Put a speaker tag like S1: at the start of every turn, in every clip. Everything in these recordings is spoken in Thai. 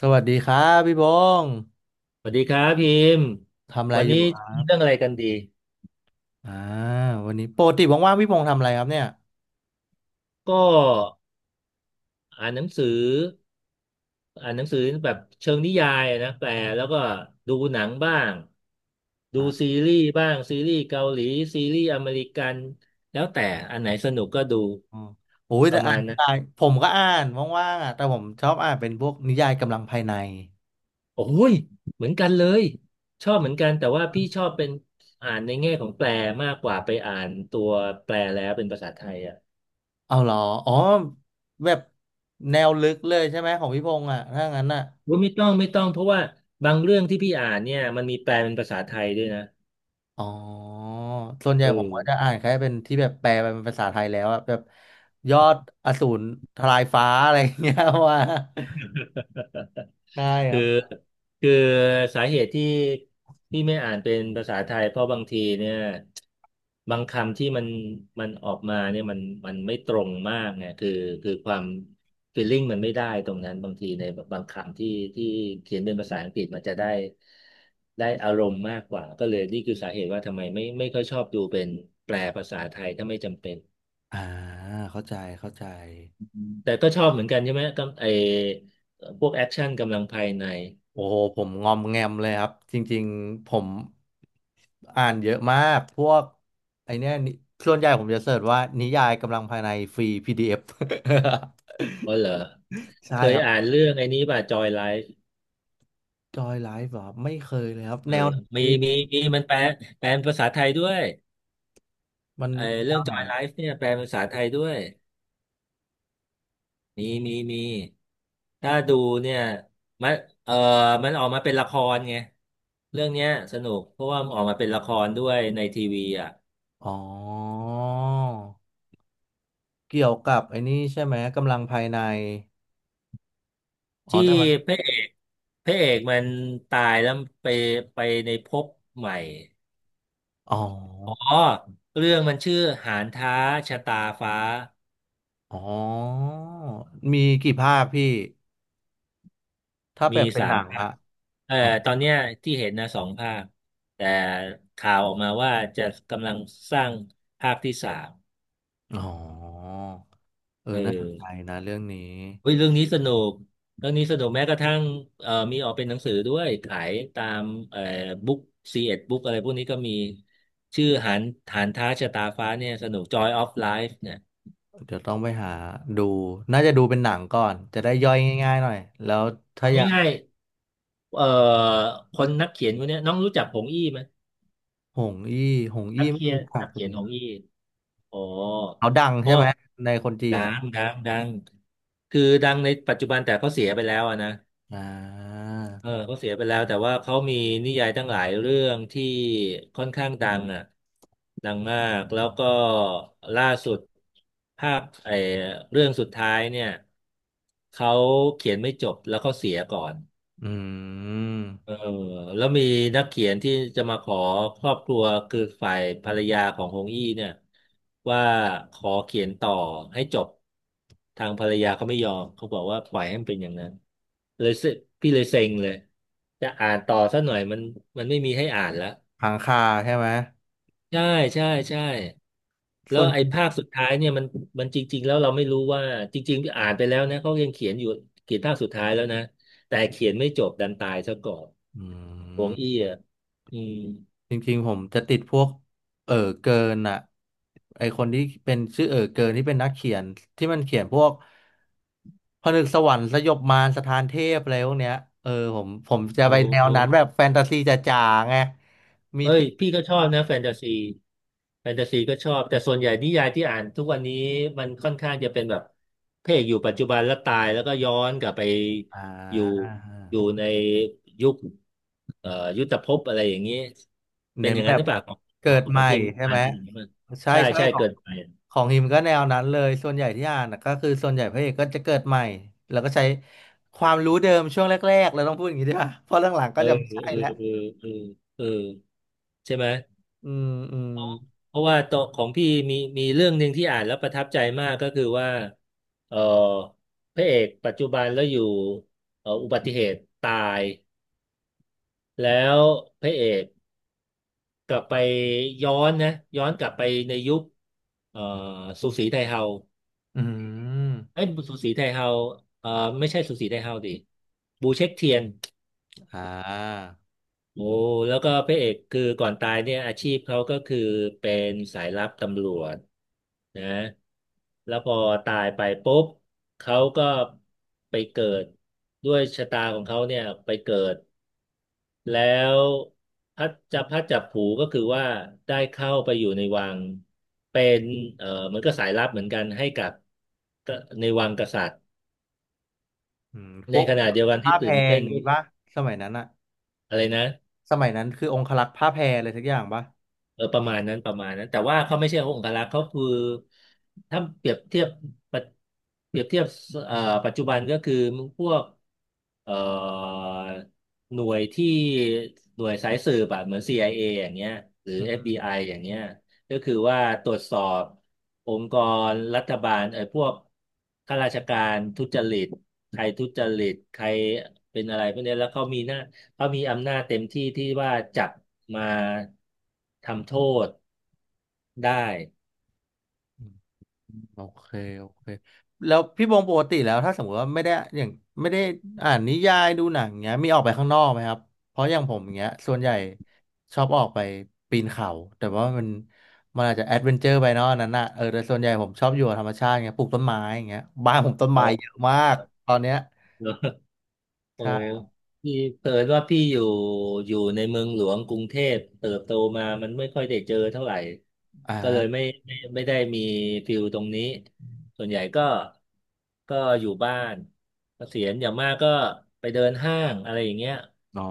S1: สวัสดีครับพี่บงษ์
S2: สวัสดีครับพิมพ์
S1: ทำอะไร
S2: วัน
S1: อ
S2: นี้
S1: ยู่ครั
S2: มี
S1: บ
S2: เรื่องอะไรกันดี
S1: อ่าวันนี้ปกติว่างๆพี่บงษ์ทำอะไรครับเนี่ย
S2: ก็อ่านหนังสืออ่านหนังสือแบบเชิงนิยายอะนะแปลแล้วก็ดูหนังบ้างดูซี
S1: อ่า
S2: รีส์บ้างซีรีส์เกาหลีซีรีส์อเมริกันแล้วแต่อันไหนสนุกก็ดู
S1: อ๋อโอ้ย
S2: ป
S1: แต่
S2: ระ
S1: อ่า
S2: มา
S1: น
S2: ณ
S1: นิ
S2: นะ
S1: ยายผมก็อ่านว่างๆอ่ะแต่ผมชอบอ่านเป็นพวกนิยายกำลังภายใน
S2: โอ้ยเหมือนกันเลยชอบเหมือนกันแต่ว่าพี่ชอบเป็นอ่านในแง่ของแปลมากกว่าไปอ่านตัวแปลแล้วเป็นภาษาไทยอ่ะ
S1: เอาเหรออ๋อแบบแนวลึกเลยใช่ไหมของพี่พงษ์อ่ะถ้างั้นอ่ะ
S2: ว่าไม่ต้องเพราะว่าบางเรื่องที่พี่อ่านเนี่ยมันมีแปลเป็นภาษาไทยด้วยนะ
S1: อ๋อส่วนใหญ่
S2: เอ
S1: ผม
S2: อ
S1: ก็จะอ่านแค่เป็นที่แบบแปลเป็นภาษาไทยแล้วอ่ะแบบยอดอสูรทลายฟ้าอะไรอย่างเงี้ย ว่า ได้ ค
S2: คือ
S1: รับ
S2: คือสาเหตุที่ไม่อ่านเป็นภาษาไทยเพราะบางทีเนี่ยบางคำที่มันออกมาเนี่ยมันไม่ตรงมากไงคือความฟีลลิ่งมันไม่ได้ตรงนั้นบางทีในบางคำที่เขียนเป็นภาษาอังกฤษมันจะได้อารมณ์มากกว่าก็เลยนี่คือสาเหตุว่าทำไมไม่ค่อยชอบดูเป็นแปลภาษาไทยถ้าไม่จำเป็น
S1: อ่าเข้าใจเข้าใจ
S2: แต่ก็ชอบเหมือนกันใช่ไหมก็ไอพวกแอคชั่นกำลังภายใน
S1: โอ้โหผมงอมแงมเลยครับจริงๆผมอ่านเยอะมากพวกไอเนี้ยนิส่วนใหญ่ผมจะเสิร์ชว่านิยายกำลังภายในฟรี PDF
S2: อ๋อเหรอ
S1: ใช่
S2: เค
S1: ค
S2: ย
S1: รับ
S2: อ่านเรื่องไอ้นี้ป่ะจอยไลฟ์
S1: จอยไลฟ์เหรอครับไม่เคยเลยครับ
S2: เออ
S1: แนวไหน
S2: มี
S1: พี่
S2: มีมีมันแปลเป็นภาษาไทยด้วย
S1: มัน
S2: ไอ
S1: แน
S2: เรื่อง
S1: วไห
S2: จ
S1: น
S2: อยไล
S1: อะ
S2: ฟ์เนี่ยแปลเป็นภาษาไทยด้วยมีถ้าดูเนี่ยมันเออมันออกมาเป็นละครไงเรื่องเนี้ยสนุกเพราะว่ามันออกมาเป็นละครด้วยในทีวีอ่ะ
S1: อ๋อเกี่ยวกับไอ้นี่ใช่ไหมกำลังภายในอ๋อ
S2: ที่
S1: แต่มัน
S2: พระเอกพระเอกมันตายแล้วไปไปในภพใหม่
S1: อ๋
S2: อ๋อ
S1: อ
S2: เรื่องมันชื่อหานท้าชะตาฟ้า
S1: อ๋อมีกี่ภาคพี่ถ้าแบ
S2: มี
S1: บเป็น
S2: สา
S1: หนั
S2: ม
S1: ง
S2: ภาค
S1: อะ
S2: เอ่อตอนเนี้ยที่เห็นนะสองภาคแต่ข่าวออกมาว่าจะกำลังสร้างภาคที่สาม
S1: อ๋อเอ
S2: เอ
S1: อน่าสนใจ
S2: อ
S1: นะเรื่องนี้
S2: เฮ้ยเรื่องนี้สนุกเรื่องนี้สนุกแม้กระทั่งมีออกเป็นหนังสือด้วยขายตามเอ่อบุ๊กซีเอ็ดบุ๊กอะไรพวกนี้ก็มีชื่อหานท้าชะตาฟ้าเนี่ยสนุก Joy of Life เนี่ย
S1: เดี๋ยวต้องไปหาดูน่าจะดูเป็นหนังก่อน จะได้ย่อยง่ายๆหน่อย แล้วถ้า
S2: เอา
S1: อยาก
S2: ง่ายๆคนนักเขียนคนเนี้ยน้องรู้จักผงอี้ไหม
S1: หงอี้หง
S2: นั
S1: อี้
S2: ก
S1: ไม่
S2: เขีย
S1: รู้
S2: น
S1: จั
S2: นั
S1: ก
S2: กเขี
S1: เล
S2: ยนของ
S1: ย
S2: อีกอ๋อ
S1: เขาดัง
S2: เพ
S1: ใช่
S2: ราะ
S1: ไห
S2: ว่า
S1: มในคนจี
S2: ดั
S1: น
S2: ง
S1: อ่ะ
S2: ดังดังคือดังในปัจจุบันแต่เขาเสียไปแล้วอะนะ
S1: อ่า
S2: เออเขาเสียไปแล้วแต่ว่าเขามีนิยายตั้งหลายเรื่องที่ค่อนข้างดังอ่ะดังมากแล้วก็ล่าสุดภาคไอ้เรื่องสุดท้ายเนี่ยเขาเขียนไม่จบแล้วเขาเสียก่อน
S1: อืม
S2: เออแล้วมีนักเขียนที่จะมาขอครอบครัวคือฝ่ายภรรยาของฮงอี้เนี่ยว่าขอเขียนต่อให้จบทางภรรยาเขาไม่ยอมเขาบอกว่าปล่อยให้มันเป็นอย่างนั้นเลยพี่เลยเซ็งเลยจะอ่านต่อสักหน่อยมันไม่มีให้อ่านแล้ว
S1: หางคาใช่ไหม
S2: ใช่ใช่แล้
S1: ส่
S2: ว
S1: วน
S2: ไอ้ภาคสุดท้ายเนี่ยมันจริงๆแล้วเราไม่รู้ว่าจริงๆอ่านไปแล้วนะเขายังเขียนอยู่เขียนภาคสุดท้ายแล้วนะแต่เขียนไม่จบดันตายซะก่อน
S1: อื
S2: หวง
S1: ม
S2: อี้อ่ะอืม
S1: จริงๆผมจะติดพวกเออเกินอ่ะไอคนที่เป็นชื่อเกินที่เป็นนักเขียนที่มันเขียนพวกผนึกสวรรค์สยบมารสถานเทพอะไรพวกเนี้ยเออผมจะไป
S2: โอ้
S1: แนวนั้นแบบแฟนตาซีจ๋าๆไงมี
S2: เอ้
S1: เท
S2: ย
S1: พ
S2: พี่ก็ชอบ
S1: มาก
S2: นะแฟนตาซีแฟนตาซีก็ชอบแต่ส่วนใหญ่นิยายที่อ่านทุกวันนี้มันค่อนข้างจะเป็นแบบพระเอกอยู่ปัจจุบันแล้วตายแล้วก็ย้อนกลับไป
S1: อ่
S2: อยู่อยู่
S1: า
S2: ในยุคเอ่อยุทธภพอะไรอย่างนี้เป็น
S1: เน้
S2: อ
S1: น
S2: ย่าง
S1: แบ
S2: นั้นห
S1: บ
S2: รือเปล่าของข
S1: เกิ
S2: อง
S1: ด
S2: ข
S1: ให
S2: อง
S1: ม่
S2: ฮิม
S1: ใช่
S2: อ่า
S1: ไห
S2: น
S1: ม
S2: เป็นอย่างนี้มั้ง
S1: ใช่
S2: ใช่
S1: ใช่
S2: ใช่เกินไป
S1: ของฮิมก็แนวนั้นเลยส่วนใหญ่ที่อ่านน่ะก็คือส่วนใหญ่พระเอกก็จะเกิดใหม่แล้วก็ใช้ความรู้เดิมช่วงแรกๆเราต้องพูดอย่างนี้ด้วยเพราะหลังๆก็
S2: เออ
S1: จะไม่
S2: เอ
S1: ใช่
S2: อ
S1: แล้ว
S2: เออเออเออใช่ไหม
S1: อืมอืม
S2: เพราะว่าตัวของพี่มีเรื่องหนึ่งที่อ่านแล้วประทับใจมากก็คือว่าเออพระเอกปัจจุบันแล้วอยู่อุบัติเหตุตายแล้วพระเอกกลับไปย้อนนะย้อนกลับไปในยุคเอ่อสูสีไทเฮา
S1: อืม
S2: เอ้ยสูสีไทเฮาเอ่อไม่ใช่สูสีไทเฮาดิบูเช็คเทียน
S1: อ่า
S2: โอ้แล้วก็พระเอกคือก่อนตายเนี่ยอาชีพเขาก็คือเป็นสายลับตำรวจนะแล้วพอตายไปปุ๊บเขาก็ไปเกิดด้วยชะตาของเขาเนี่ยไปเกิดแล้วพัดจับผูก็คือว่าได้เข้าไปอยู่ในวังเป็นเหมือนก็สายลับเหมือนกันให้กับก็ในวังกษัตริย์
S1: อืมพ
S2: ใน
S1: วก
S2: ขณะเดียวกันที่
S1: ผ้าแพร
S2: ตื่น
S1: อ
S2: เต้น
S1: ย่าง
S2: ก็
S1: นี้ป่ะสมัยนั้นอะ
S2: อะไรนะ
S1: สมัยนั้นคือองครักษ์ผ้าแพรอะไรสักอย่างป่ะ
S2: เออประมาณนั้นประมาณนั้นแต่ว่าเขาไม่ใช่องครักษ์เขาคือถ้าเปรียบเทียบปะเปรียบเทียบเอ่อปัจจุบันก็คือพวกเอ่อหน่วยที่หน่วยสายสืบอะเหมือน CIA อเออย่างเงี้ยหรือ
S1: อื
S2: FBI อฟบีไออย่างเงี้ยก็คือว่าตรวจสอบองค์กรรัฐบาลไอ้พวกข้าราชการทุจริตใครทุจริตใครเป็นอะไรพวกเนี้ยแล้วเขามีหน้า เขามีอำนาจเต็มที่ที่ว่าจับมาทำโทษได้
S1: ม โอเคโอเคแล้วพี่บงปกติแล้วถ้าสมมติว่าไม่ได้อย่างไม่ได้อ่านนิยายดูหนังเงี้ยมีออกไปข้างนอกไหมครับเพราะอย่างผมอย่างเงี้ยส่วนใหญ่ชอบออกไปปีนเขาแต่ว่ามันอาจจะแอดเวนเจอร์ไปเนาะอันนั้นน่ะเออแต่ส่วนใหญ่ผมชอบอยู่กับธรรมชาติเงี้ยปลูกต้นไม้อย่างเงี้ยบ้านผมต้นไม้
S2: โอ้
S1: เยอะมากตอนเนี้ย
S2: โอ้
S1: ใช่
S2: พี่เผอิญว่าพี่อยู่ในเมืองหลวงกรุงเทพเติบโตมามันไม่ค่อยได้เจอเท่าไหร่
S1: อ่า
S2: ก็เลยไม่ไม่ได้มีฟิลตรงนี้ส่วนใหญ่ก็อยู่บ้านเกษียณอย่างมากก็ไปเดินห้างอะไรอย่างเงี้ย
S1: อ๋อ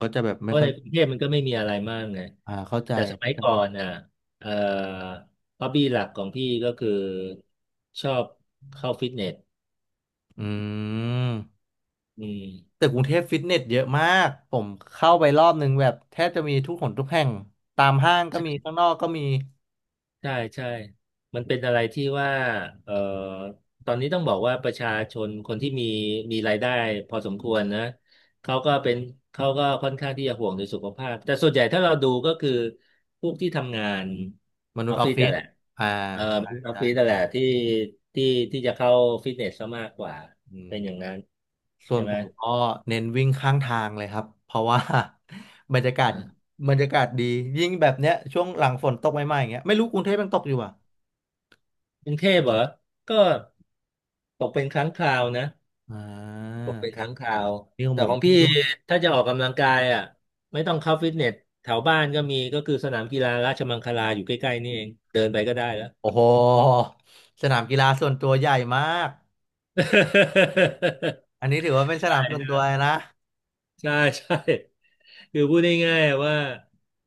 S1: ก็จะแบบ
S2: เพ
S1: ไม่
S2: ราะ
S1: ค่อ
S2: ใน
S1: ย
S2: กรุงเทพมันก็ไม่มีอะไรมากไง
S1: เข้าใจ
S2: แต่สมัยก่อนอ่ะเอ่อฮอบบี้หลักของพี่ก็คือชอบเข้าฟิตเนส
S1: อืม
S2: อืม
S1: แต่กรุงเทพฟิตเนสเยอะมาก ผมเข้าไปรอบนึงแบบแทบจะมีทุกหนทุกแห่งตามห้างก็มี
S2: ใช่
S1: ข้างนอกก็มี
S2: ใช่ใช่มันเป็นอะไรที่ว่าเอ่อตอนนี้ต้องบอกว่าประชาชนคนที่มีรายได้พอสมควรนะเขาก็เป็นเขาก็ค่อนข้างที่จะห่วงในสุขภาพแต่ส่วนใหญ่ถ้าเราดูก็คือพวกที่ทำงาน
S1: มนุ
S2: อ
S1: ษ
S2: อ
S1: ย์
S2: ฟ
S1: ออ
S2: ฟิ
S1: ฟ
S2: ศ
S1: ฟิ
S2: แต่น
S1: ศ
S2: แหละ
S1: อ่า
S2: เอ่อ
S1: ใช่
S2: ออฟฟิศแต่นแห
S1: ใช่
S2: ละที่ที่จะเข้าฟิตเนสซะมากกว่า
S1: อื
S2: เป็
S1: ม
S2: นอย่างนั้น
S1: ส่ว
S2: ใช่
S1: น
S2: ไห
S1: ผ
S2: ม
S1: มก็เน้นวิ่งข้างทางเลยครับเพราะว่า บรรยากาศ
S2: อ่า
S1: บรรยากาศดียิ่งแบบเนี้ยช่วงหลังฝนตกใหม่ๆอย่างเงี้ยไม่รู้กรุงเทพยังตกอยู่อ่ะ
S2: กรุงเทพเหรอก็ตกเป็นครั้งคราวนะ
S1: อ่
S2: ต
S1: า
S2: กเป็นครั้งคราว
S1: นี่ของ
S2: แต่
S1: ผ
S2: ข
S1: ม
S2: อง
S1: เพิ่
S2: พี่
S1: งหยุด
S2: ถ้าจะออกกำลังกายอ่ะไม่ต้องเข้าฟิตเนสแถวบ้านก็มีก็คือสนามกีฬาราชมังคลาอยู่ใกล้ๆนี่เองเดินไปก็ได้แล้ว
S1: โอ้โหสนามกีฬาส่วนตัวใหญ่มากอันนี้ถือว่าเป็น ส
S2: ใช่
S1: นามส่วนตัวเล
S2: ใช่
S1: ยนะ
S2: ใช่ใช่คือพูดง่ายๆว่า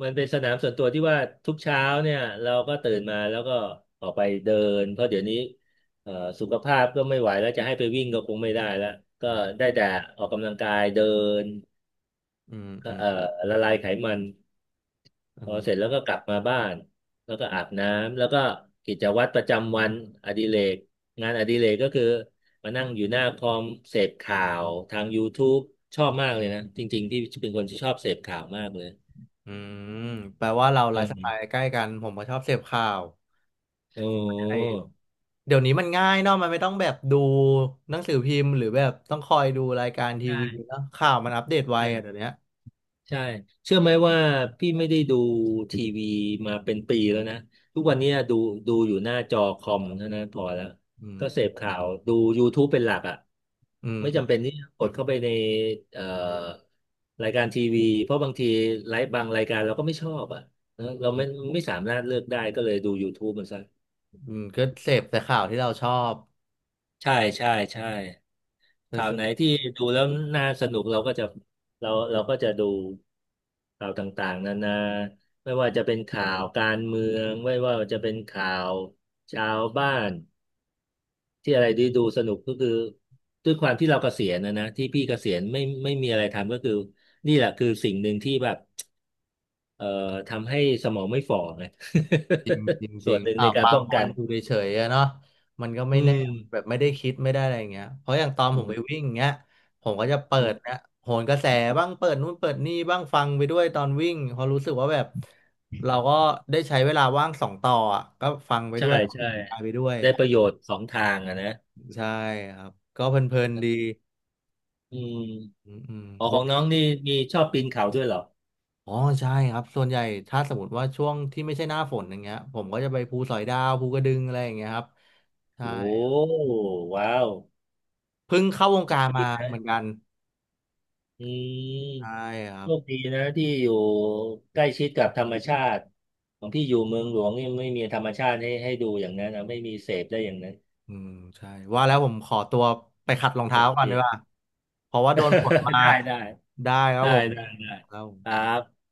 S2: มันเป็นสนามส่วนตัวที่ว่าทุกเช้าเนี่ยเราก็ตื่นมาแล้วก็ออกไปเดินเพราะเดี๋ยวนี้เอ่อสุขภาพก็ไม่ไหวแล้วจะให้ไปวิ่งก็คงไม่ได้แล้วก็
S1: นะ
S2: ได้แต่ออกกำลังกายเดิน
S1: อืม
S2: เอ่
S1: อืม
S2: อละลายไขมัน
S1: อื
S2: พอ
S1: ม
S2: เสร็จแล้วก็กลับมาบ้านแล้วก็อาบน้ำแล้วก็กิจวัตรประจำวันอดิเรกงานอดิเรกก็คือมานั่งอยู่หน้าคอมเสพข่าวทาง YouTube ชอบมากเลยนะจริงๆที่เป็นคนที่ชอบเสพข่าวมากเลย
S1: อืมแปลว่าเรา
S2: เอ
S1: ไลฟ์สไตล์
S2: อ
S1: ใกล้กันผมก็ชอบเสพข่าว
S2: โอ
S1: ใช่
S2: ้
S1: เดี๋ยวนี้มันง่ายเนาะมันไม่ต้องแบบดูหนังสือพิมพ์หรือแบบต้องคอยดูรายการ
S2: ใ
S1: ทีวี
S2: ช
S1: เนาะข่าวมันอัปเดตไวอะเดี๋ย
S2: ่
S1: วเนี้ย
S2: ใช่ เชื่อไหมว่าพี่ไม่ได้ดูทีวีมาเป็นปีแล้วนะทุกวันเนี้ยดูอยู่หน้าจอคอมเท่านั้นพอแล้ว
S1: อืม
S2: ก็เสพข่าวดู YouTube เป็นหลักอ่ะ
S1: อืม
S2: ไม่จำเป็
S1: อ
S2: นที่จะกดเข้าไปในเอ่อรายการทีวีเพราะบางทีไลฟ์บางรายการเราก็ไม่ชอบอ่ะนะเราไม่สามารถเลือกได้ก็เลยดู YouTube มันซะ
S1: ืมอืมก็เสพแต่ข่าวที่เราชอบ
S2: ใช่ใช่ใช่ข่าวไหนที่ดูแล้วน่าสนุกเราก็จะเราก็จะดูข่าวต่างๆนานาไม่ว่าจะเป็นข่าวการเมืองไม่ว่าจะเป็นข่าวชาวบ้านที่อะไรที่ดูสนุกก็คือด้วยความที่เราเกษียณนะที่พี่เกษียณไม่มีอะไรทำก็คือนี่แหละคือสิ่งหนึ่งที่แบบเอ่อทำให้สมองไม่ฝ่อไง
S1: จริงจริง จ
S2: ส่
S1: ริ
S2: ว
S1: ง
S2: นหนึ่งในการ
S1: บาง
S2: ป้อง
S1: คน
S2: กัน
S1: อยู่เฉยๆอะเนาะมันก็ไม่
S2: อื
S1: แน่
S2: ม
S1: แบบไม่ได้คิดไม่ได้อะไรอย่างเงี้ยเพราะอย่างตอนผมไป
S2: อ
S1: วิ่งอย่างเงี้ยผมก็จะเปิ
S2: ื
S1: ด
S2: ม
S1: นะโหนกระแสบ้างเปิดนู่นเปิดนี่บ้างฟังไปด้วยตอนวิ่งเพอราะรู้สึกว่าแบบเราก็ได้ใช้เวลาว่างสองต่ออะก็ฟังไป
S2: ใช่
S1: ด้วยออก
S2: ใช่
S1: กำลังกายไปด้วย
S2: ได้ประโยชน์สองทางอะนะ
S1: ใช่ครับก็เพลินๆดี
S2: อืม
S1: อืมอืม
S2: อ๋อขอ
S1: ว่า
S2: งน้องนี่มีชอบปีนเขาด้วยเหรอ
S1: อ๋อใช่ครับส่วนใหญ่ถ้าสมมติว่าช่วงที่ไม่ใช่หน้าฝนอย่างเงี้ยผมก็จะไปภูสอยดาวภูกระดึงอะไรอย่างเงี้ยครับใช่
S2: โอ้ว้าว
S1: เพิ่งเข้าวง
S2: โช
S1: กา
S2: ค
S1: รมา
S2: ดีนะ
S1: เหมือนกัน
S2: อืม
S1: ใช่ครั
S2: โชค
S1: บ
S2: ดีนะที่อยู่ใกล้ชิดกับธรรมชาติของพี่อยู่เมืองหลวงนี่ไม่มีธรรมชาติให้ดูอย่างนั้นนะไม่มีเสพได้อย่างนั้น
S1: อืมใช่ว่าแล้วผมขอตัวไปขัดรอง
S2: โอ
S1: เท้า
S2: เค
S1: ก่อนดีกว่าเพราะว่าโดนฝน มา
S2: ได้ได้
S1: ได้ครับ
S2: ได้
S1: ผม
S2: ได้ได้
S1: ครับผม
S2: ครับ